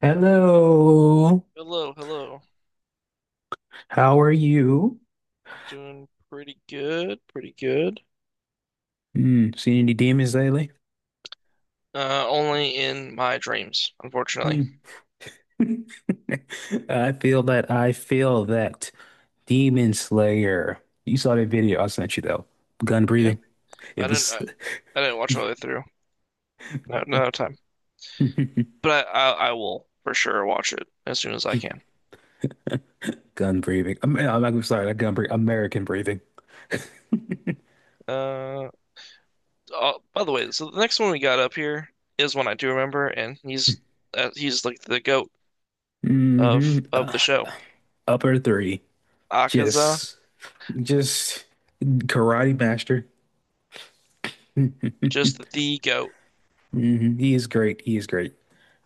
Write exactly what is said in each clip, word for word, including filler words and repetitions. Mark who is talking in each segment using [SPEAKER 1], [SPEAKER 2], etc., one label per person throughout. [SPEAKER 1] Hello,
[SPEAKER 2] Hello, hello.
[SPEAKER 1] how are you?
[SPEAKER 2] Doing pretty good, pretty good.
[SPEAKER 1] Hmm. Seen any demons lately?
[SPEAKER 2] Uh, only in my dreams, unfortunately.
[SPEAKER 1] Hmm. I feel that. I feel that. Demon Slayer. You saw that video I sent you though. Gun
[SPEAKER 2] Yeah,
[SPEAKER 1] breathing.
[SPEAKER 2] I
[SPEAKER 1] It
[SPEAKER 2] didn't,
[SPEAKER 1] was
[SPEAKER 2] I, I didn't watch all the way through. No, no time. But I, I, I will for sure watch it as soon as I can.
[SPEAKER 1] gun breathing. I'm, I'm, I'm sorry, not gun breathing. American breathing.
[SPEAKER 2] Uh, oh, by the way, so the next one we got up here is one I do remember, and he's, uh, he's like the goat
[SPEAKER 1] Hmm.
[SPEAKER 2] of of the show.
[SPEAKER 1] Upper three.
[SPEAKER 2] Akaza,
[SPEAKER 1] Just, just karate master.
[SPEAKER 2] just the goat.
[SPEAKER 1] Hmm. He is great. He is great.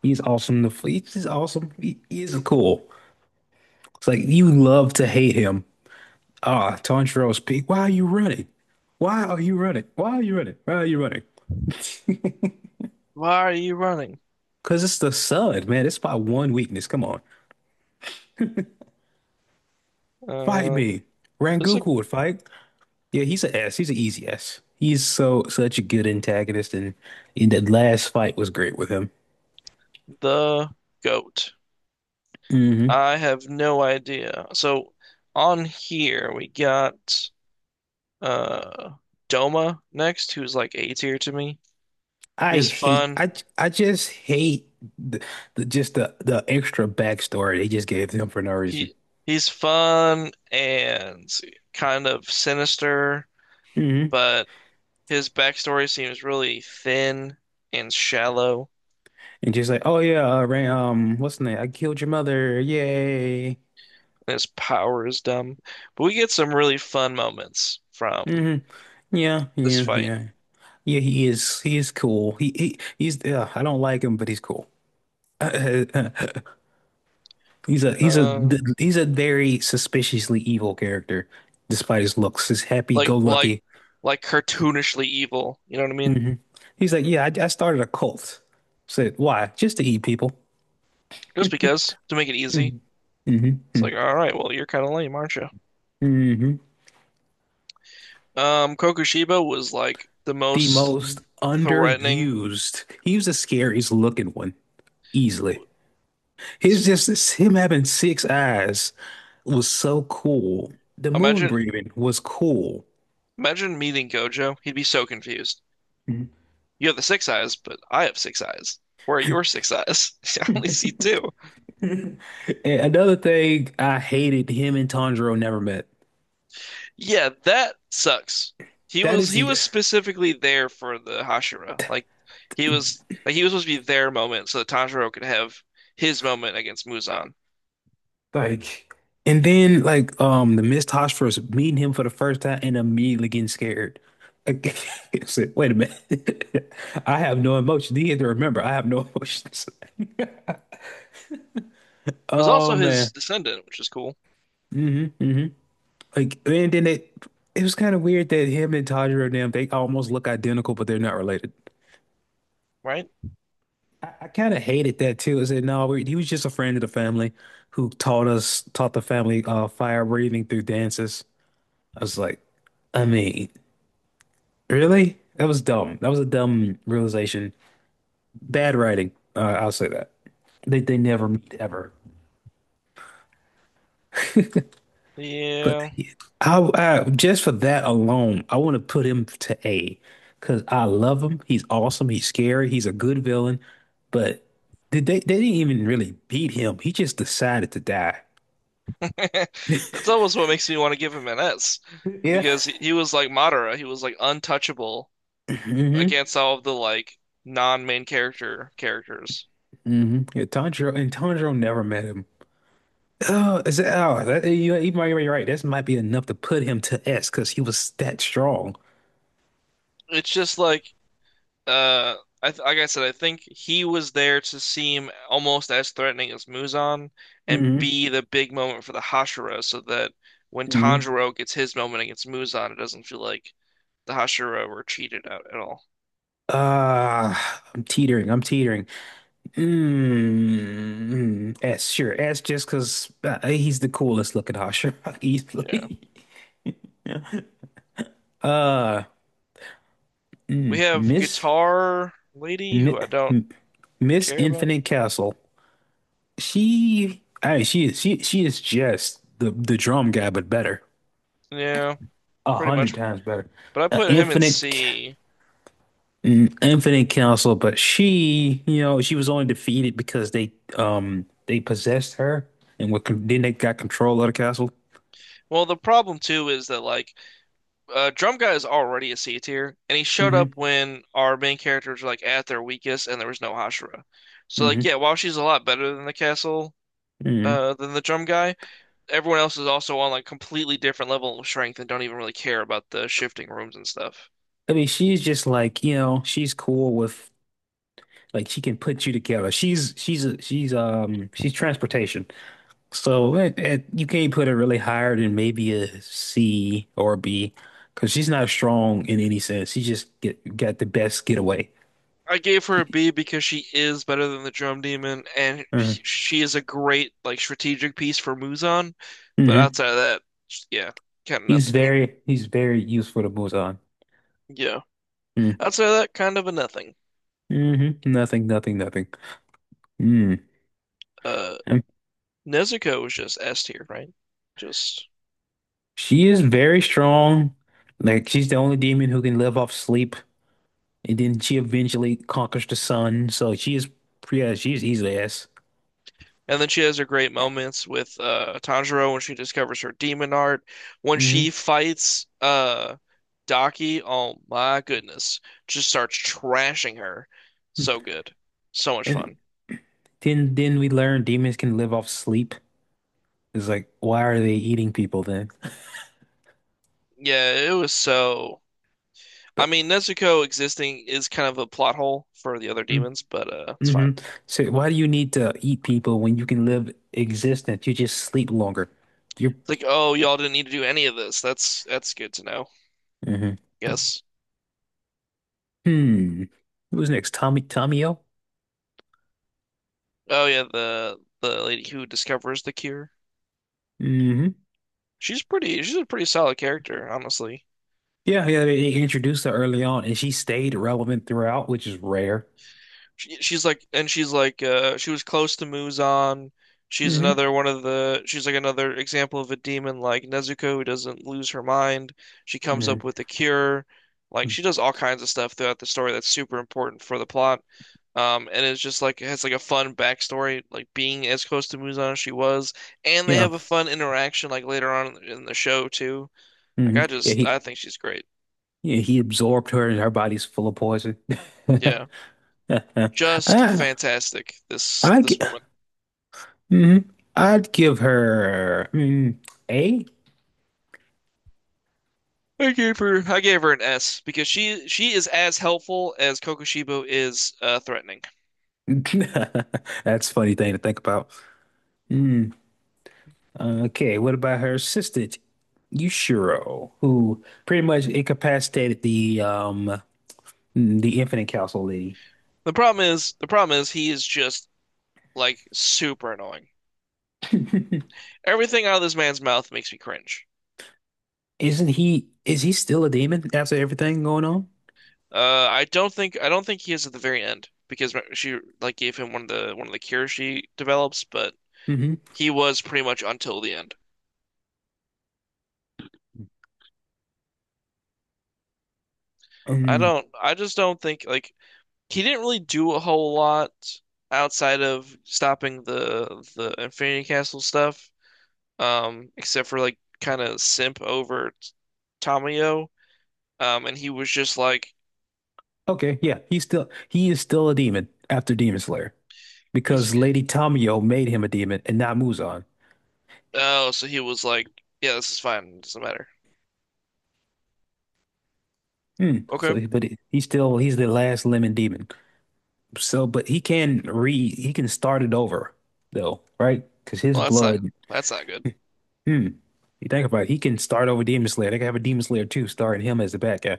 [SPEAKER 1] He's awesome. The fleet is awesome. He, he is cool. It's like you love to hate him. Ah, Tanjiro's peak. Why are you running? Why are you running? Why are you running? Why are you running?
[SPEAKER 2] Why are you running?
[SPEAKER 1] Because it's the sun, man. It's my one weakness. Come on. Fight
[SPEAKER 2] Uh,
[SPEAKER 1] me.
[SPEAKER 2] this is like
[SPEAKER 1] Rangoku would fight. Yeah, he's an S. He's an easy S. He's so such a good antagonist, and in that last fight was great with him.
[SPEAKER 2] the goat.
[SPEAKER 1] Hmm.
[SPEAKER 2] I have no idea. So on here we got uh Doma next, who's like A tier to me.
[SPEAKER 1] I
[SPEAKER 2] He's
[SPEAKER 1] hate
[SPEAKER 2] fun.
[SPEAKER 1] I I just hate the, the just the the extra backstory they just gave him for no reason.
[SPEAKER 2] He he's fun and kind of sinister,
[SPEAKER 1] Mhm.
[SPEAKER 2] but his backstory seems really thin and shallow,
[SPEAKER 1] And she's like, "Oh yeah, uh, Ray, um, what's the name? I killed your mother! Yay!"
[SPEAKER 2] and his power is dumb. But we get some really fun moments from
[SPEAKER 1] Hmm. Yeah,
[SPEAKER 2] this
[SPEAKER 1] yeah,
[SPEAKER 2] fight.
[SPEAKER 1] yeah, yeah. He is, he is cool. He, he, he's. Uh, I don't like him, but he's cool. He's a, he's a,
[SPEAKER 2] Uh
[SPEAKER 1] he's a very suspiciously evil character, despite his looks. His
[SPEAKER 2] like like
[SPEAKER 1] happy-go-lucky.
[SPEAKER 2] like cartoonishly evil, you know what I mean?
[SPEAKER 1] Hmm. He's like, yeah, I, I started a cult. Said why? Just to eat people.
[SPEAKER 2] Just because to make it easy.
[SPEAKER 1] Hmm.
[SPEAKER 2] It's
[SPEAKER 1] Hmm.
[SPEAKER 2] like, all right, well, you're kind of lame, aren't you?
[SPEAKER 1] Hmm.
[SPEAKER 2] Um, Kokushiba was like the
[SPEAKER 1] The
[SPEAKER 2] most
[SPEAKER 1] most
[SPEAKER 2] threatening.
[SPEAKER 1] underused. He was the scariest looking one, easily. He's just it's him having six eyes was so cool. The moon
[SPEAKER 2] Imagine,
[SPEAKER 1] breathing was cool.
[SPEAKER 2] Imagine meeting Gojo. He'd be so confused.
[SPEAKER 1] Mhm.
[SPEAKER 2] You have the six eyes, but I have six eyes. Where are your six eyes? I only see two.
[SPEAKER 1] And another thing I hated him and Tanjiro never met.
[SPEAKER 2] Yeah, that sucks. He
[SPEAKER 1] That
[SPEAKER 2] was
[SPEAKER 1] is
[SPEAKER 2] he
[SPEAKER 1] the
[SPEAKER 2] was specifically there for the Hashira. Like he was like he was supposed to be their moment so that Tanjiro could have his moment against Muzan.
[SPEAKER 1] like and then like um the Miss Hoshir's meeting him for the first time and immediately getting scared. Like, I said, wait a minute. I have no emotion. He had to remember I have no emotions.
[SPEAKER 2] Was
[SPEAKER 1] Oh
[SPEAKER 2] also his
[SPEAKER 1] man.
[SPEAKER 2] descendant, which is cool,
[SPEAKER 1] Hmm. Hmm. Like, and then it it was kind of weird that him and Tanjiro. Damn, they almost look identical, but they're not related.
[SPEAKER 2] right?
[SPEAKER 1] I, I kind of hated that too. I said, no, we, he was just a friend of the family who taught us, taught the family uh, fire breathing through dances. I was like, I mean, really? That was dumb. That was a dumb realization. Bad writing. Uh, I'll say that. They they never meet ever. But.
[SPEAKER 2] Yeah.
[SPEAKER 1] I, I just for that alone, I want to put him to A because I love him. He's awesome. He's scary. He's a good villain. But did they they didn't even really beat him. He just decided to die.
[SPEAKER 2] That's almost what makes me want to give him an S
[SPEAKER 1] Yeah.
[SPEAKER 2] because he he was like Madara. He was like untouchable
[SPEAKER 1] Hmm.
[SPEAKER 2] against all of the like non-main character characters.
[SPEAKER 1] Hmm. Yeah, Tanjiro and Tanjiro never met him. Oh, is that, oh, that, you, you might be right. This might be enough to put him to S because he was that strong.
[SPEAKER 2] It's just like uh I th like I said, I think he was there to seem almost as threatening as Muzan and
[SPEAKER 1] Mm-hmm.
[SPEAKER 2] be the big moment for the Hashira so that when
[SPEAKER 1] Hmm.
[SPEAKER 2] Tanjiro gets his moment against Muzan, it doesn't feel like the Hashira were cheated out at all.
[SPEAKER 1] Uh, I'm teetering. I'm teetering. Mm, mm, S, sure. S just because uh, he's the coolest looking Hashira
[SPEAKER 2] Yeah.
[SPEAKER 1] easily. Uh,
[SPEAKER 2] We
[SPEAKER 1] mm,
[SPEAKER 2] have
[SPEAKER 1] Miss
[SPEAKER 2] Guitar Lady
[SPEAKER 1] Mi,
[SPEAKER 2] who I don't
[SPEAKER 1] Miss
[SPEAKER 2] care about.
[SPEAKER 1] Infinite Castle. She, I mean, she is she she is just the the drum guy, but better,
[SPEAKER 2] Yeah,
[SPEAKER 1] a
[SPEAKER 2] pretty
[SPEAKER 1] hundred
[SPEAKER 2] much.
[SPEAKER 1] times better.
[SPEAKER 2] But I
[SPEAKER 1] Uh,
[SPEAKER 2] put him in
[SPEAKER 1] Infinite, C-
[SPEAKER 2] C.
[SPEAKER 1] mm, Infinite Castle, but she, you know, she was only defeated because they um they possessed her and what then they got control of the castle.
[SPEAKER 2] Well, the problem too is that like uh, Drum Guy is already a C tier, and he showed up
[SPEAKER 1] Hmm.
[SPEAKER 2] when our main characters were like at their weakest, and there was no Hashira. So like,
[SPEAKER 1] Hmm.
[SPEAKER 2] yeah, while she's a lot better than the castle,
[SPEAKER 1] Hmm.
[SPEAKER 2] uh, than the Drum Guy, everyone else is also on like completely different level of strength and don't even really care about the shifting rooms and stuff.
[SPEAKER 1] I mean, she's just like, you know, she's cool with like she can put you together. She's she's a, she's um she's transportation. So it, it, you can't put her really higher than maybe a C or a B because she's not strong in any sense. She just get, got the best getaway.
[SPEAKER 2] I gave her a B because she is better than the Drum Demon, and
[SPEAKER 1] Uh,
[SPEAKER 2] she is a great like strategic piece for Muzan. But
[SPEAKER 1] hmm.
[SPEAKER 2] outside of that, yeah, kind of
[SPEAKER 1] He's
[SPEAKER 2] nothing.
[SPEAKER 1] very he's very useful to Muzan.
[SPEAKER 2] Yeah.
[SPEAKER 1] Mm,
[SPEAKER 2] Outside of that, kind of a nothing.
[SPEAKER 1] hmm. Nothing, nothing, nothing. Mm.
[SPEAKER 2] Uh,
[SPEAKER 1] Um,
[SPEAKER 2] Nezuko was just S tier, right? Just
[SPEAKER 1] she is very strong. Like she's the only demon who can live off sleep. And then she eventually conquers the sun. So she is, yeah, she's easily S.
[SPEAKER 2] and then she has her great moments with uh Tanjiro when she discovers her demon art, when
[SPEAKER 1] Hmm.
[SPEAKER 2] she fights uh Daki. Oh my goodness, just starts trashing her. So good, so much
[SPEAKER 1] And
[SPEAKER 2] fun.
[SPEAKER 1] then then we learn demons can live off sleep. It's like, why are they eating people then?
[SPEAKER 2] Yeah, it was so. I
[SPEAKER 1] But
[SPEAKER 2] mean, Nezuko existing is kind of a plot hole for the other demons, but uh, it's fine.
[SPEAKER 1] mm-hmm. So why do you need to eat people when you can live existence? You just sleep longer. You're
[SPEAKER 2] It's like, oh, y'all didn't need to do any of this. That's that's good to know.
[SPEAKER 1] mhm.
[SPEAKER 2] Yes.
[SPEAKER 1] Hmm. Who's next? Tommy Tomio?
[SPEAKER 2] Oh yeah, the the lady who discovers the cure.
[SPEAKER 1] Hmm.
[SPEAKER 2] She's pretty. She's a pretty solid character, honestly.
[SPEAKER 1] Yeah, yeah, they they introduced her early on and she stayed relevant throughout, which is rare.
[SPEAKER 2] She, she's like, and she's like, uh, she was close to Muzan. She's
[SPEAKER 1] Hmm.
[SPEAKER 2] another one of the. She's like another example of a demon like Nezuko who doesn't lose her mind. She comes
[SPEAKER 1] Hmm.
[SPEAKER 2] up with a cure. Like she does all kinds of stuff throughout the story that's super important for the plot. Um, and it's just like it has like a fun backstory, like being as close to Muzan as she was, and they
[SPEAKER 1] Yeah.
[SPEAKER 2] have a fun interaction like later on in the show too. Like
[SPEAKER 1] Hmm.
[SPEAKER 2] I
[SPEAKER 1] Yeah,
[SPEAKER 2] just
[SPEAKER 1] he
[SPEAKER 2] I think she's great.
[SPEAKER 1] yeah, he absorbed her and her body's full of poison.
[SPEAKER 2] Yeah. Just
[SPEAKER 1] Ah,
[SPEAKER 2] fantastic. This
[SPEAKER 1] I'd gi-
[SPEAKER 2] this woman.
[SPEAKER 1] mhm. I'd give her mm, A.
[SPEAKER 2] I gave her I gave her an S because she she is as helpful as Kokushibo is uh, threatening.
[SPEAKER 1] That's a funny thing to think about. Mm, okay, what about her assistant, Yushiro, who pretty much incapacitated the um the Infinite Council lady?
[SPEAKER 2] The problem is the problem is he is just like super annoying. Everything out of this man's mouth makes me cringe.
[SPEAKER 1] Isn't he is he still a demon after everything going on?
[SPEAKER 2] Uh, I don't think I don't think he is at the very end because she like gave him one of the one of the cures she develops, but
[SPEAKER 1] Mm-hmm.
[SPEAKER 2] he was pretty much until the end. I
[SPEAKER 1] Um,
[SPEAKER 2] don't I just don't think like he didn't really do a whole lot outside of stopping the the Infinity Castle stuff, um, except for like kind of simp over t- Tamayo. Um, and he was just like
[SPEAKER 1] okay, yeah, he's still he is still a demon after Demon Slayer
[SPEAKER 2] he's
[SPEAKER 1] because Lady Tamayo made him a demon and not Muzan.
[SPEAKER 2] oh, so he was like, yeah, this is fine, it doesn't matter.
[SPEAKER 1] Hmm.
[SPEAKER 2] Okay,
[SPEAKER 1] So, but he- he's still he's the last lemon demon. So, but he can re he can start it over though, right? Because his
[SPEAKER 2] well that's not
[SPEAKER 1] blood.
[SPEAKER 2] that's not good.
[SPEAKER 1] Hmm. You think about it, he can start over Demon Slayer. They can have a Demon Slayer too, starting him as the bad guy,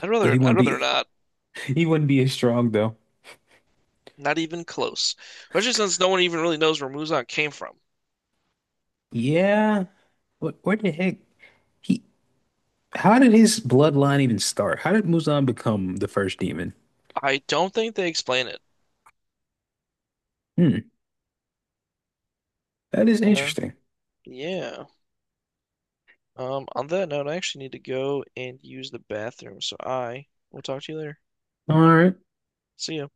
[SPEAKER 2] I'd
[SPEAKER 1] but he
[SPEAKER 2] rather I'd
[SPEAKER 1] wouldn't
[SPEAKER 2] rather
[SPEAKER 1] be
[SPEAKER 2] not,
[SPEAKER 1] he wouldn't be as strong though.
[SPEAKER 2] not even close. Especially since no one even really knows where Muzan came from.
[SPEAKER 1] Yeah. What? Where the heck? He? How did his bloodline even start? How did Muzan become the first demon?
[SPEAKER 2] I don't think they explain it.
[SPEAKER 1] Hmm. That is
[SPEAKER 2] Uh,
[SPEAKER 1] interesting.
[SPEAKER 2] yeah. Um, on that note, I actually need to go and use the bathroom, so I will talk to you later.
[SPEAKER 1] All right.
[SPEAKER 2] See ya.